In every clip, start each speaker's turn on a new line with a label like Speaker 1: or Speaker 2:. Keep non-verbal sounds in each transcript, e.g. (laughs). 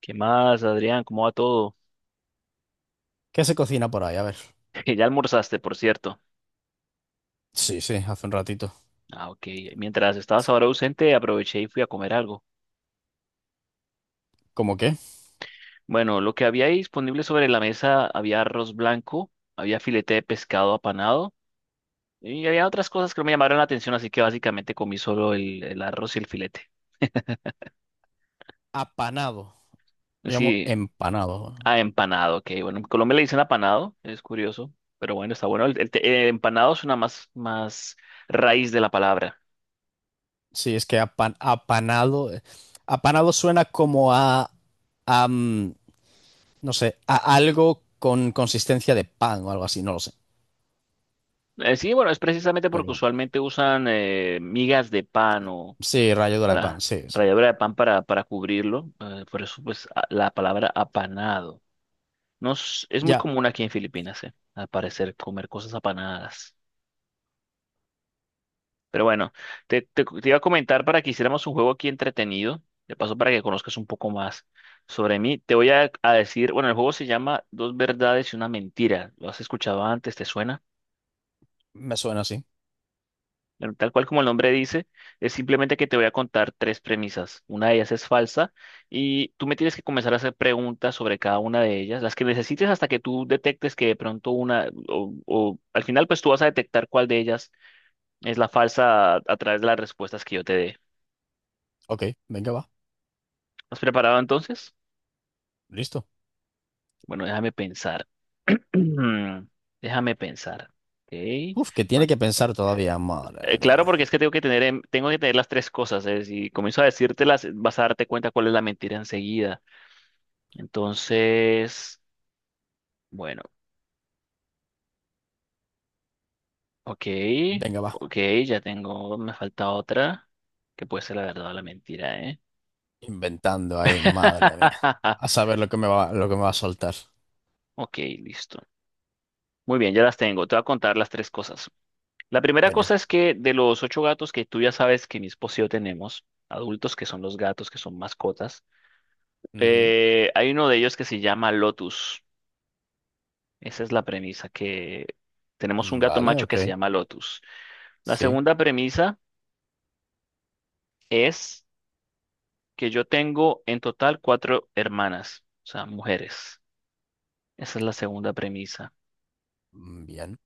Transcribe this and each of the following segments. Speaker 1: ¿Qué más, Adrián? ¿Cómo va todo?
Speaker 2: ¿Qué se cocina por ahí? A ver.
Speaker 1: (laughs) Ya almorzaste, por cierto.
Speaker 2: Sí, sí, hace un ratito.
Speaker 1: Ah, ok. Mientras estabas ahora ausente, aproveché y fui a comer algo.
Speaker 2: ¿Cómo qué?
Speaker 1: Bueno, lo que había ahí disponible sobre la mesa, había arroz blanco, había filete de pescado apanado y había otras cosas que no me llamaron la atención, así que básicamente comí solo el arroz y el filete.
Speaker 2: Apanado. Llamo
Speaker 1: Sí,
Speaker 2: empanado.
Speaker 1: ah, empanado, ok. Bueno, en Colombia le dicen apanado, es curioso, pero bueno, está bueno. Empanado es una más raíz de la palabra.
Speaker 2: Sí, es que apanado. Apanado suena como a, a, mm, no sé, a algo con consistencia de pan o algo así, no lo sé.
Speaker 1: Sí, bueno, es precisamente porque
Speaker 2: Pero bueno.
Speaker 1: usualmente usan migas de pan o
Speaker 2: Sí, ralladura de pan,
Speaker 1: para
Speaker 2: sí, sí.
Speaker 1: ralladura de pan para cubrirlo. Por eso, pues, la palabra apanado. No, es, es muy
Speaker 2: Ya,
Speaker 1: común aquí en Filipinas, al parecer, comer cosas apanadas. Pero bueno, te iba a comentar para que hiciéramos un juego aquí entretenido. De paso, para que conozcas un poco más sobre mí. Te voy a decir, bueno, el juego se llama Dos verdades y una mentira. ¿Lo has escuchado antes? ¿Te suena?
Speaker 2: me suena así.
Speaker 1: Bueno, tal cual como el nombre dice, es simplemente que te voy a contar tres premisas. Una de ellas es falsa y tú me tienes que comenzar a hacer preguntas sobre cada una de ellas, las que necesites, hasta que tú detectes que de pronto una, o al final, pues tú vas a detectar cuál de ellas es la falsa a través de las respuestas que yo te dé.
Speaker 2: Ok, venga, va.
Speaker 1: ¿Has preparado entonces?
Speaker 2: Listo.
Speaker 1: Bueno, déjame pensar. (clears throat) Déjame pensar. Ok.
Speaker 2: Uf, que tiene
Speaker 1: Por-
Speaker 2: que pensar todavía, madre de mi
Speaker 1: Claro,
Speaker 2: vida.
Speaker 1: porque es que tengo que tener las tres cosas, ¿eh? Si comienzo a decírtelas, vas a darte cuenta cuál es la mentira enseguida. Entonces, bueno, ok,
Speaker 2: Venga, va.
Speaker 1: ok, ya tengo, me falta otra, que puede ser la verdad o la mentira, ¿eh?
Speaker 2: Inventando ahí, madre mía. A
Speaker 1: (laughs)
Speaker 2: saber lo que me va, lo que me va a soltar.
Speaker 1: Ok, listo. Muy bien, ya las tengo. Te voy a contar las tres cosas. La primera
Speaker 2: Venga.
Speaker 1: cosa es que, de los ocho gatos que tú ya sabes que mi esposo y yo tenemos, adultos que son los gatos, que son mascotas,
Speaker 2: Ujú.
Speaker 1: hay uno de ellos que se llama Lotus. Esa es la premisa, que tenemos un
Speaker 2: Mm,
Speaker 1: gato
Speaker 2: vale,
Speaker 1: macho que
Speaker 2: ok.
Speaker 1: se llama Lotus. La
Speaker 2: Sí.
Speaker 1: segunda premisa es que yo tengo en total cuatro hermanas, o sea, mujeres. Esa es la segunda premisa.
Speaker 2: Mm, bien.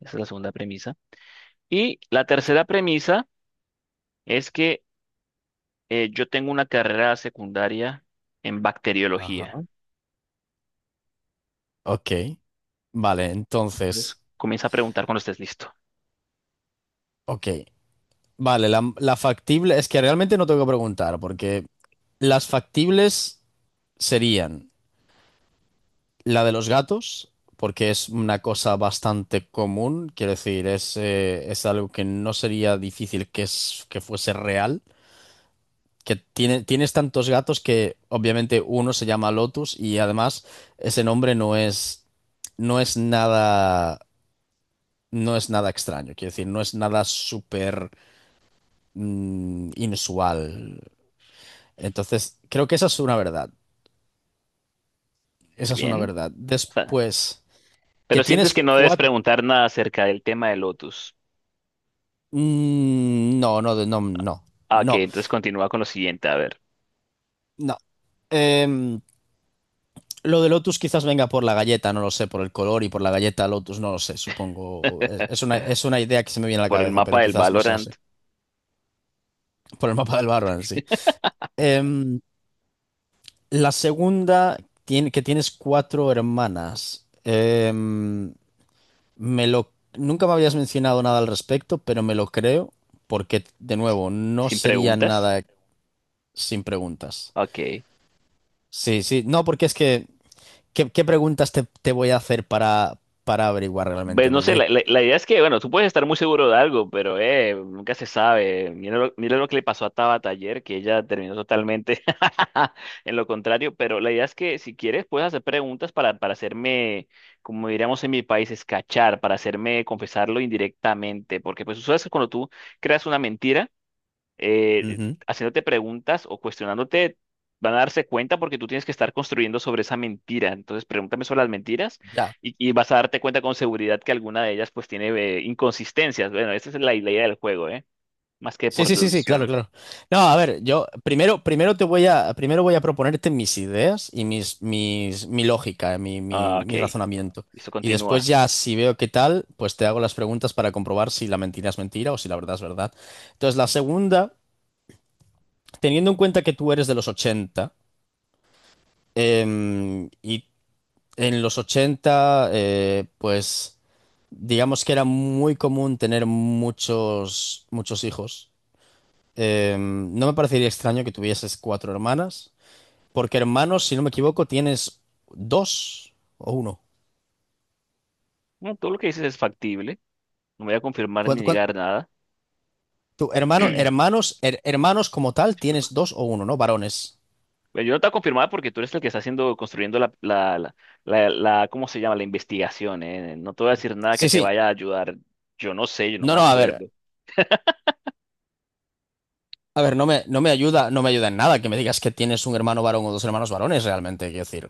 Speaker 1: Esa es la segunda premisa. Y la tercera premisa es que yo tengo una carrera secundaria en bacteriología.
Speaker 2: Ajá. Ok. Vale,
Speaker 1: Entonces,
Speaker 2: entonces.
Speaker 1: comienza a preguntar cuando estés listo.
Speaker 2: Ok. Vale, la factible. Es que realmente no tengo que preguntar, porque las factibles serían la de los gatos, porque es una cosa bastante común. Quiero decir, es algo que no sería difícil que fuese real. Tienes tantos gatos que obviamente uno se llama Lotus y además ese nombre no es nada, no es nada extraño, quiero decir, no es nada súper inusual. Entonces, creo que esa es una verdad,
Speaker 1: Muy
Speaker 2: esa es una
Speaker 1: bien.
Speaker 2: verdad.
Speaker 1: O sea,
Speaker 2: Después, que
Speaker 1: pero sientes
Speaker 2: tienes
Speaker 1: que no debes
Speaker 2: cuatro...
Speaker 1: preguntar nada acerca del tema de Lotus.
Speaker 2: no, no, no, no,
Speaker 1: Ah, ok,
Speaker 2: no,
Speaker 1: entonces continúa con lo siguiente. A ver,
Speaker 2: no. Em, lo de Lotus quizás venga por la galleta, no lo sé, por el color y por la galleta Lotus, no lo sé, supongo.
Speaker 1: (laughs)
Speaker 2: Es una idea que se me viene a la
Speaker 1: por el
Speaker 2: cabeza,
Speaker 1: mapa
Speaker 2: pero
Speaker 1: del
Speaker 2: quizás no sea
Speaker 1: Valorant,
Speaker 2: así. (laughs) Por el mapa del barro sí. Em, la segunda, que tienes cuatro hermanas. Em, nunca me habías mencionado nada al respecto, pero me lo creo, porque, de nuevo, no
Speaker 1: sin
Speaker 2: sería
Speaker 1: preguntas.
Speaker 2: nada sin preguntas.
Speaker 1: Ok.
Speaker 2: Sí, sí, no, porque es que, ¿qué preguntas te voy a hacer para averiguar
Speaker 1: Pues
Speaker 2: realmente?
Speaker 1: no sé, la,
Speaker 2: Porque...
Speaker 1: la- la idea es que, bueno, tú puedes estar muy seguro de algo, pero nunca se sabe. Mira lo que le pasó a Tabata ayer, que ella terminó totalmente (laughs) en lo contrario, pero la idea es que, si quieres, puedes hacer preguntas para hacerme, como diríamos en mi país, escachar, para hacerme confesarlo indirectamente, porque pues tú sabes que cuando tú creas una mentira,
Speaker 2: Ujú.
Speaker 1: haciéndote preguntas o cuestionándote, van a darse cuenta porque tú tienes que estar construyendo sobre esa mentira. Entonces, pregúntame sobre las mentiras
Speaker 2: Ya.
Speaker 1: y vas a darte cuenta con seguridad que alguna de ellas pues tiene inconsistencias. Bueno, esa es la, la idea del juego, ¿eh? Más que
Speaker 2: Sí,
Speaker 1: por
Speaker 2: sí, sí, sí, claro,
Speaker 1: deducción.
Speaker 2: claro. No, a ver, yo primero voy a proponerte mis ideas y mi lógica,
Speaker 1: Ah, ok.
Speaker 2: mi razonamiento.
Speaker 1: Eso,
Speaker 2: Y después
Speaker 1: continúa.
Speaker 2: ya, si veo qué tal, pues te hago las preguntas para comprobar si la mentira es mentira o si la verdad es verdad. Entonces, la segunda, teniendo en cuenta que tú eres de los ochenta y en los 80, pues, digamos que era muy común tener muchos, muchos hijos. No me parecería extraño que tuvieses cuatro hermanas, porque hermanos, si no me equivoco, tienes dos o uno.
Speaker 1: No, todo lo que dices es factible. No voy a confirmar ni
Speaker 2: ¿Cuánto, cuánto-
Speaker 1: negar nada.
Speaker 2: tu hermano, hermanos, her- Hermanos como tal, tienes dos o uno, ¿no? Varones.
Speaker 1: Bueno, yo no te voy a confirmar porque tú eres el que está haciendo, construyendo ¿cómo se llama? La investigación, ¿eh? No te voy a decir nada que
Speaker 2: Sí,
Speaker 1: te
Speaker 2: sí.
Speaker 1: vaya a ayudar. Yo no sé, yo no
Speaker 2: No,
Speaker 1: me
Speaker 2: no,
Speaker 1: acuerdo.
Speaker 2: a ver, no me ayuda, no me ayuda en nada que me digas que tienes un hermano varón o dos hermanos varones, realmente. Quiero decir,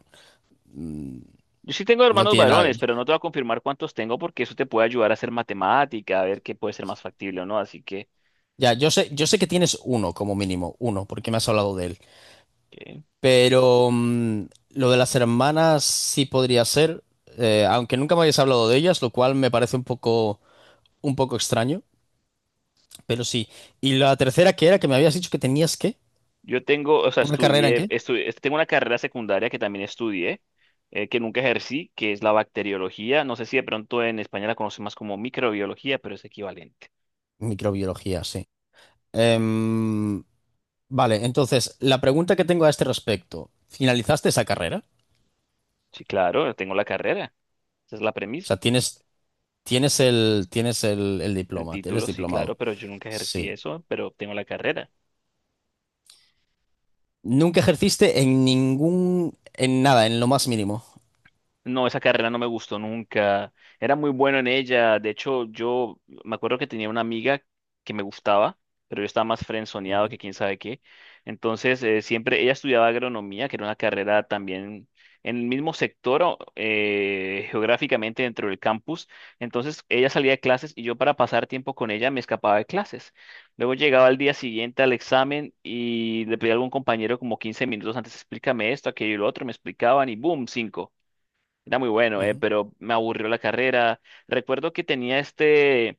Speaker 2: mm,
Speaker 1: Yo sí tengo
Speaker 2: no
Speaker 1: hermanos
Speaker 2: tiene nada.
Speaker 1: varones, pero no te voy a confirmar cuántos tengo porque eso te puede ayudar a hacer matemática, a ver qué puede ser más factible o no. Así que
Speaker 2: Ya, yo sé que tienes uno como mínimo, uno, porque me has hablado de él.
Speaker 1: eh,
Speaker 2: Pero lo de las hermanas sí podría ser, aunque nunca me habéis hablado de ellas, lo cual me parece un poco extraño, pero sí. Y la tercera que era que me habías dicho que tenías qué,
Speaker 1: yo tengo, o sea,
Speaker 2: ¿una carrera en
Speaker 1: estudié,
Speaker 2: qué?
Speaker 1: estudié, tengo una carrera secundaria que también estudié, que nunca ejercí, que es la bacteriología. No sé si de pronto en España la conocen más como microbiología, pero es equivalente.
Speaker 2: Microbiología, sí. Em, vale, entonces, la pregunta que tengo a este respecto, ¿finalizaste esa carrera?
Speaker 1: Sí, claro, tengo la carrera. Esa es la
Speaker 2: O
Speaker 1: premisa.
Speaker 2: sea, tienes el
Speaker 1: El
Speaker 2: diploma, eres
Speaker 1: título, sí,
Speaker 2: diplomado.
Speaker 1: claro, pero yo nunca ejercí
Speaker 2: Sí.
Speaker 1: eso, pero tengo la carrera.
Speaker 2: Nunca ejerciste en ningún, en nada, en lo más mínimo.
Speaker 1: No, esa carrera no me gustó nunca. Era muy bueno en ella. De hecho, yo me acuerdo que tenía una amiga que me gustaba, pero yo estaba más frenzoneado
Speaker 2: Ujú,
Speaker 1: que quién sabe qué. Entonces, siempre ella estudiaba agronomía, que era una carrera también en el mismo sector o, geográficamente, dentro del campus. Entonces, ella salía de clases y yo, para pasar tiempo con ella, me escapaba de clases. Luego llegaba al día siguiente al examen y le pedía a algún compañero, como 15 minutos antes, explícame esto, aquello y lo otro, me explicaban y boom, cinco. Era muy bueno,
Speaker 2: ujú,
Speaker 1: pero me aburrió la carrera. Recuerdo que tenía este,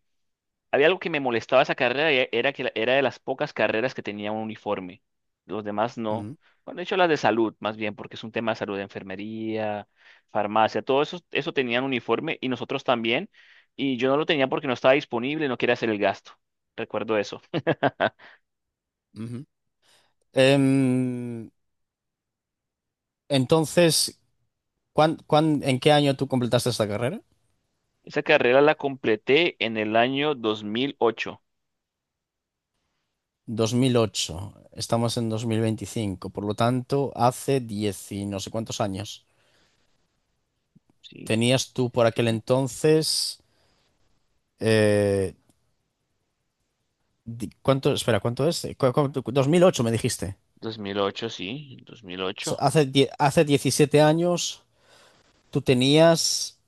Speaker 1: había algo que me molestaba esa carrera, y era que era de las pocas carreras que tenía un uniforme. Los demás no.
Speaker 2: ujú.
Speaker 1: Bueno, de hecho las de salud, más bien, porque es un tema de salud, de enfermería, farmacia, todo eso, eso tenían uniforme y nosotros también. Y yo no lo tenía porque no estaba disponible, no quería hacer el gasto. Recuerdo eso. (laughs)
Speaker 2: Ujú. Em, entonces, ¿ en qué año tú completaste esta carrera?
Speaker 1: Esa carrera la completé en el año 2008.
Speaker 2: 2008. Estamos en 2025. Por lo tanto, hace 10 y no sé cuántos años.
Speaker 1: Sí, pues,
Speaker 2: Tenías tú por aquel
Speaker 1: ¿siete?
Speaker 2: entonces... eh, ¿cuánto? Espera, ¿cuánto es? Cuánto? 2008 me dijiste.
Speaker 1: 2008, sí, dos mil ocho
Speaker 2: Hace, hace 17 años tú tenías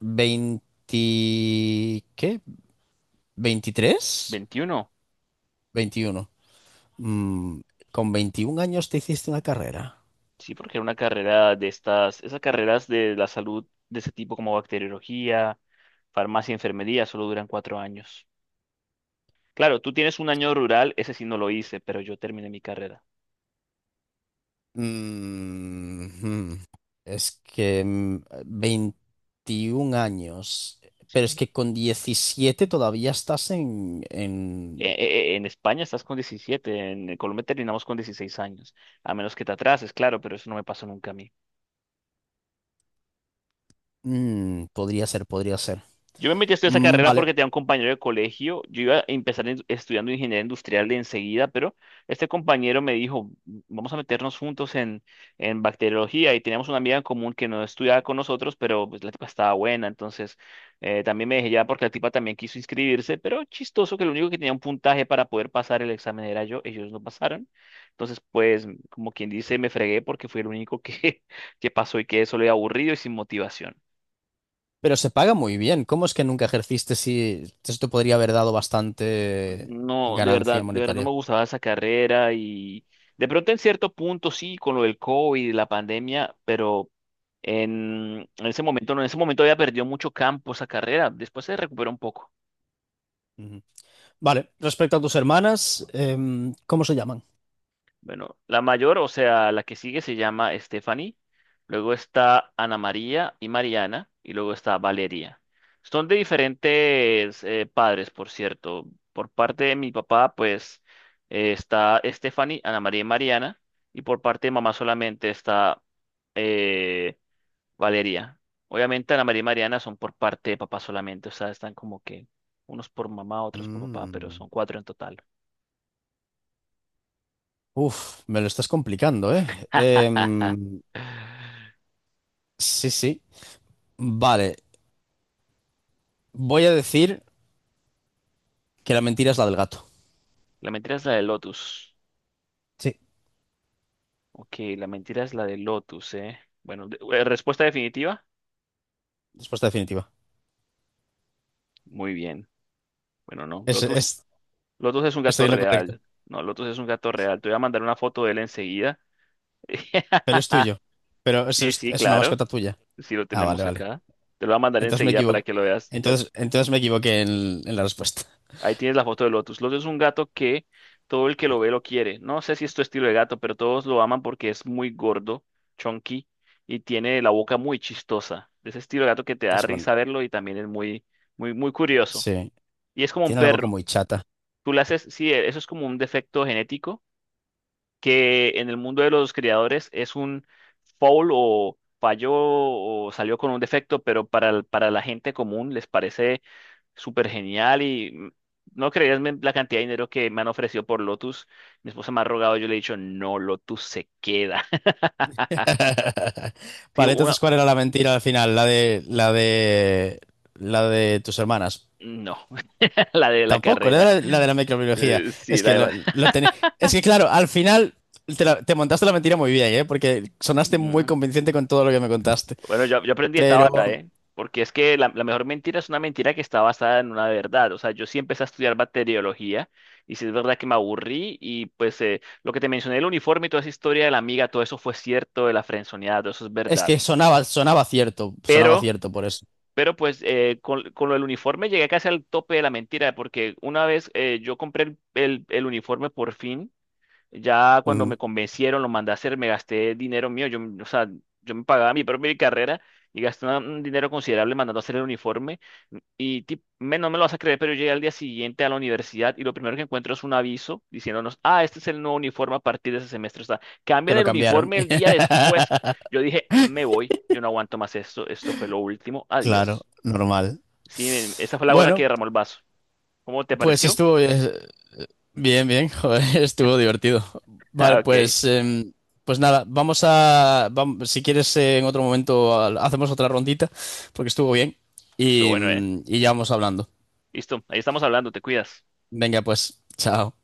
Speaker 2: 20... ¿Qué? 23.
Speaker 1: 21.
Speaker 2: 21. Mm, con 21 años te hiciste una carrera.
Speaker 1: Sí, porque era una carrera de estas, esas carreras de la salud de ese tipo como bacteriología, farmacia, enfermería, solo duran 4 años. Claro, tú tienes un año rural, ese sí no lo hice, pero yo terminé mi carrera.
Speaker 2: Mm, hmm. Es que 21 años,
Speaker 1: Sí.
Speaker 2: pero es que con 17 todavía estás en, en-
Speaker 1: En España estás con 17, en Colombia terminamos con 16 años, a menos que te atrases, claro, pero eso no me pasó nunca a mí.
Speaker 2: Mm, podría ser, podría ser.
Speaker 1: Yo me metí a estudiar esa
Speaker 2: Mm,
Speaker 1: carrera
Speaker 2: vale,
Speaker 1: porque tenía un compañero de colegio. Yo iba a empezar estudiando ingeniería industrial de enseguida, pero este compañero me dijo, vamos a meternos juntos en bacteriología, y teníamos una amiga en común que no estudiaba con nosotros, pero pues la tipa estaba buena, entonces también me dejé ya porque la tipa también quiso inscribirse, pero chistoso, que lo único que tenía un puntaje para poder pasar el examen era yo, ellos no pasaron. Entonces, pues, como quien dice, me fregué porque fui el único que, (laughs) que pasó, y quedé solo y aburrido y sin motivación.
Speaker 2: pero se paga muy bien. ¿Cómo es que nunca ejerciste si esto podría haber dado bastante
Speaker 1: No,
Speaker 2: ganancia
Speaker 1: de verdad no me
Speaker 2: monetaria?
Speaker 1: gustaba esa carrera y de pronto en cierto punto sí, con lo del COVID, la pandemia, pero en ese momento no, en ese momento había perdido mucho campo esa carrera, después se recuperó un poco.
Speaker 2: Ujú. Vale, respecto a tus hermanas, ¿cómo se llaman?
Speaker 1: Bueno, la mayor, o sea, la que sigue, se llama Stephanie, luego está Ana María y Mariana, y luego está Valeria. Son de diferentes padres, por cierto. Por parte de mi papá, pues está Stephanie, Ana María y Mariana, y por parte de mamá solamente está eh, Valeria. Obviamente Ana María y Mariana son por parte de papá solamente, o sea, están como que unos por mamá, otros por papá, pero
Speaker 2: Mm.
Speaker 1: son cuatro en total.
Speaker 2: Uf, me lo estás complicando, ¿eh?
Speaker 1: (laughs)
Speaker 2: Em, sí, sí. Vale, voy a decir que la mentira es la del gato.
Speaker 1: La mentira es la de Lotus.
Speaker 2: Sí,
Speaker 1: Ok, la mentira es la de Lotus, ¿eh? Bueno, respuesta definitiva.
Speaker 2: respuesta definitiva.
Speaker 1: Muy bien. Bueno, no.
Speaker 2: Es,
Speaker 1: Lotus,
Speaker 2: es-
Speaker 1: Lotus es un
Speaker 2: Estoy
Speaker 1: gato
Speaker 2: en lo correcto,
Speaker 1: real. No, Lotus es un gato real. Te voy a mandar una foto de él enseguida.
Speaker 2: pero es
Speaker 1: (laughs)
Speaker 2: tuyo. Pero
Speaker 1: Sí, sí,
Speaker 2: es una
Speaker 1: claro.
Speaker 2: mascota tuya.
Speaker 1: Sí lo
Speaker 2: Ah, vale,
Speaker 1: tenemos
Speaker 2: vale.
Speaker 1: acá. Te lo voy a mandar
Speaker 2: Entonces me
Speaker 1: enseguida para
Speaker 2: equivoqué.
Speaker 1: que lo veas. Ya.
Speaker 2: Entonces me equivoqué en la respuesta.
Speaker 1: Ahí tienes la foto de Lotus. Lotus es un gato que todo el que lo ve lo quiere. No sé si es tu estilo de gato, pero todos lo aman porque es muy gordo, chunky, y tiene la boca muy chistosa. Ese estilo de gato que te da
Speaker 2: Es bueno.
Speaker 1: risa verlo, y también es muy, muy, muy curioso.
Speaker 2: Sí,
Speaker 1: Y es como un
Speaker 2: tiene la boca
Speaker 1: perro.
Speaker 2: muy chata.
Speaker 1: Tú le haces, sí, eso es como un defecto genético que en el mundo de los criadores es un foul o falló o salió con un defecto, pero para, para la gente común les parece súper genial, y no creías, la cantidad de dinero que me han ofrecido por Lotus. Mi esposa me ha rogado, yo le he dicho, no, Lotus se queda. (laughs)
Speaker 2: (laughs)
Speaker 1: Sí,
Speaker 2: Vale,
Speaker 1: una,
Speaker 2: entonces, ¿cuál era la mentira al final? La de tus hermanas.
Speaker 1: no, (laughs) la de la
Speaker 2: Tampoco,
Speaker 1: carrera.
Speaker 2: la de la microbiología. Es
Speaker 1: Sí, la
Speaker 2: que
Speaker 1: de... (laughs)
Speaker 2: lo tené- Es que claro, al final te montaste la mentira muy bien, ¿eh? Porque sonaste muy
Speaker 1: Mm.
Speaker 2: convincente con todo lo que me contaste.
Speaker 1: Bueno, yo aprendí de
Speaker 2: Pero
Speaker 1: Tabata, ¿eh? Porque es que la mejor mentira es una mentira que está basada en una verdad. O sea, yo sí empecé a estudiar bacteriología, y sí es verdad que me aburrí y pues lo que te mencioné, el uniforme y toda esa historia de la amiga, todo eso fue cierto, de la frenzoneada, todo eso es
Speaker 2: es
Speaker 1: verdad.
Speaker 2: que sonaba, sonaba
Speaker 1: pero
Speaker 2: cierto por eso.
Speaker 1: Pero pues con lo del uniforme llegué casi al tope de la mentira, porque una vez yo compré el, el uniforme por fin, ya cuando
Speaker 2: Ujú.
Speaker 1: me convencieron, lo mandé a hacer, me gasté dinero mío, yo, o sea, yo me pagaba mi propia carrera, y gasté un dinero considerable mandando a hacer el uniforme. Y no me lo vas a creer, pero yo llegué al día siguiente a la universidad y lo primero que encuentro es un aviso diciéndonos, ah, este es el nuevo uniforme a partir de ese semestre. O sea,
Speaker 2: Te
Speaker 1: cambian
Speaker 2: lo
Speaker 1: el
Speaker 2: cambiaron.
Speaker 1: uniforme el día después.
Speaker 2: (laughs)
Speaker 1: Yo dije, me voy, yo no aguanto más esto, esto fue lo último,
Speaker 2: Claro,
Speaker 1: adiós.
Speaker 2: normal.
Speaker 1: Sí, em, esa fue la gota que
Speaker 2: Bueno,
Speaker 1: derramó el vaso. ¿Cómo te
Speaker 2: pues
Speaker 1: pareció?
Speaker 2: estuvo,
Speaker 1: (laughs)
Speaker 2: eh, bien, bien, joder, (laughs) estuvo divertido. Vale,
Speaker 1: Ah, ok,
Speaker 2: pues, em, pues nada, si quieres en otro momento hacemos otra rondita, porque estuvo bien
Speaker 1: eso,
Speaker 2: y,
Speaker 1: bueno, eh.
Speaker 2: y ya vamos hablando.
Speaker 1: Listo, ahí estamos hablando, te cuidas.
Speaker 2: Venga, pues, chao.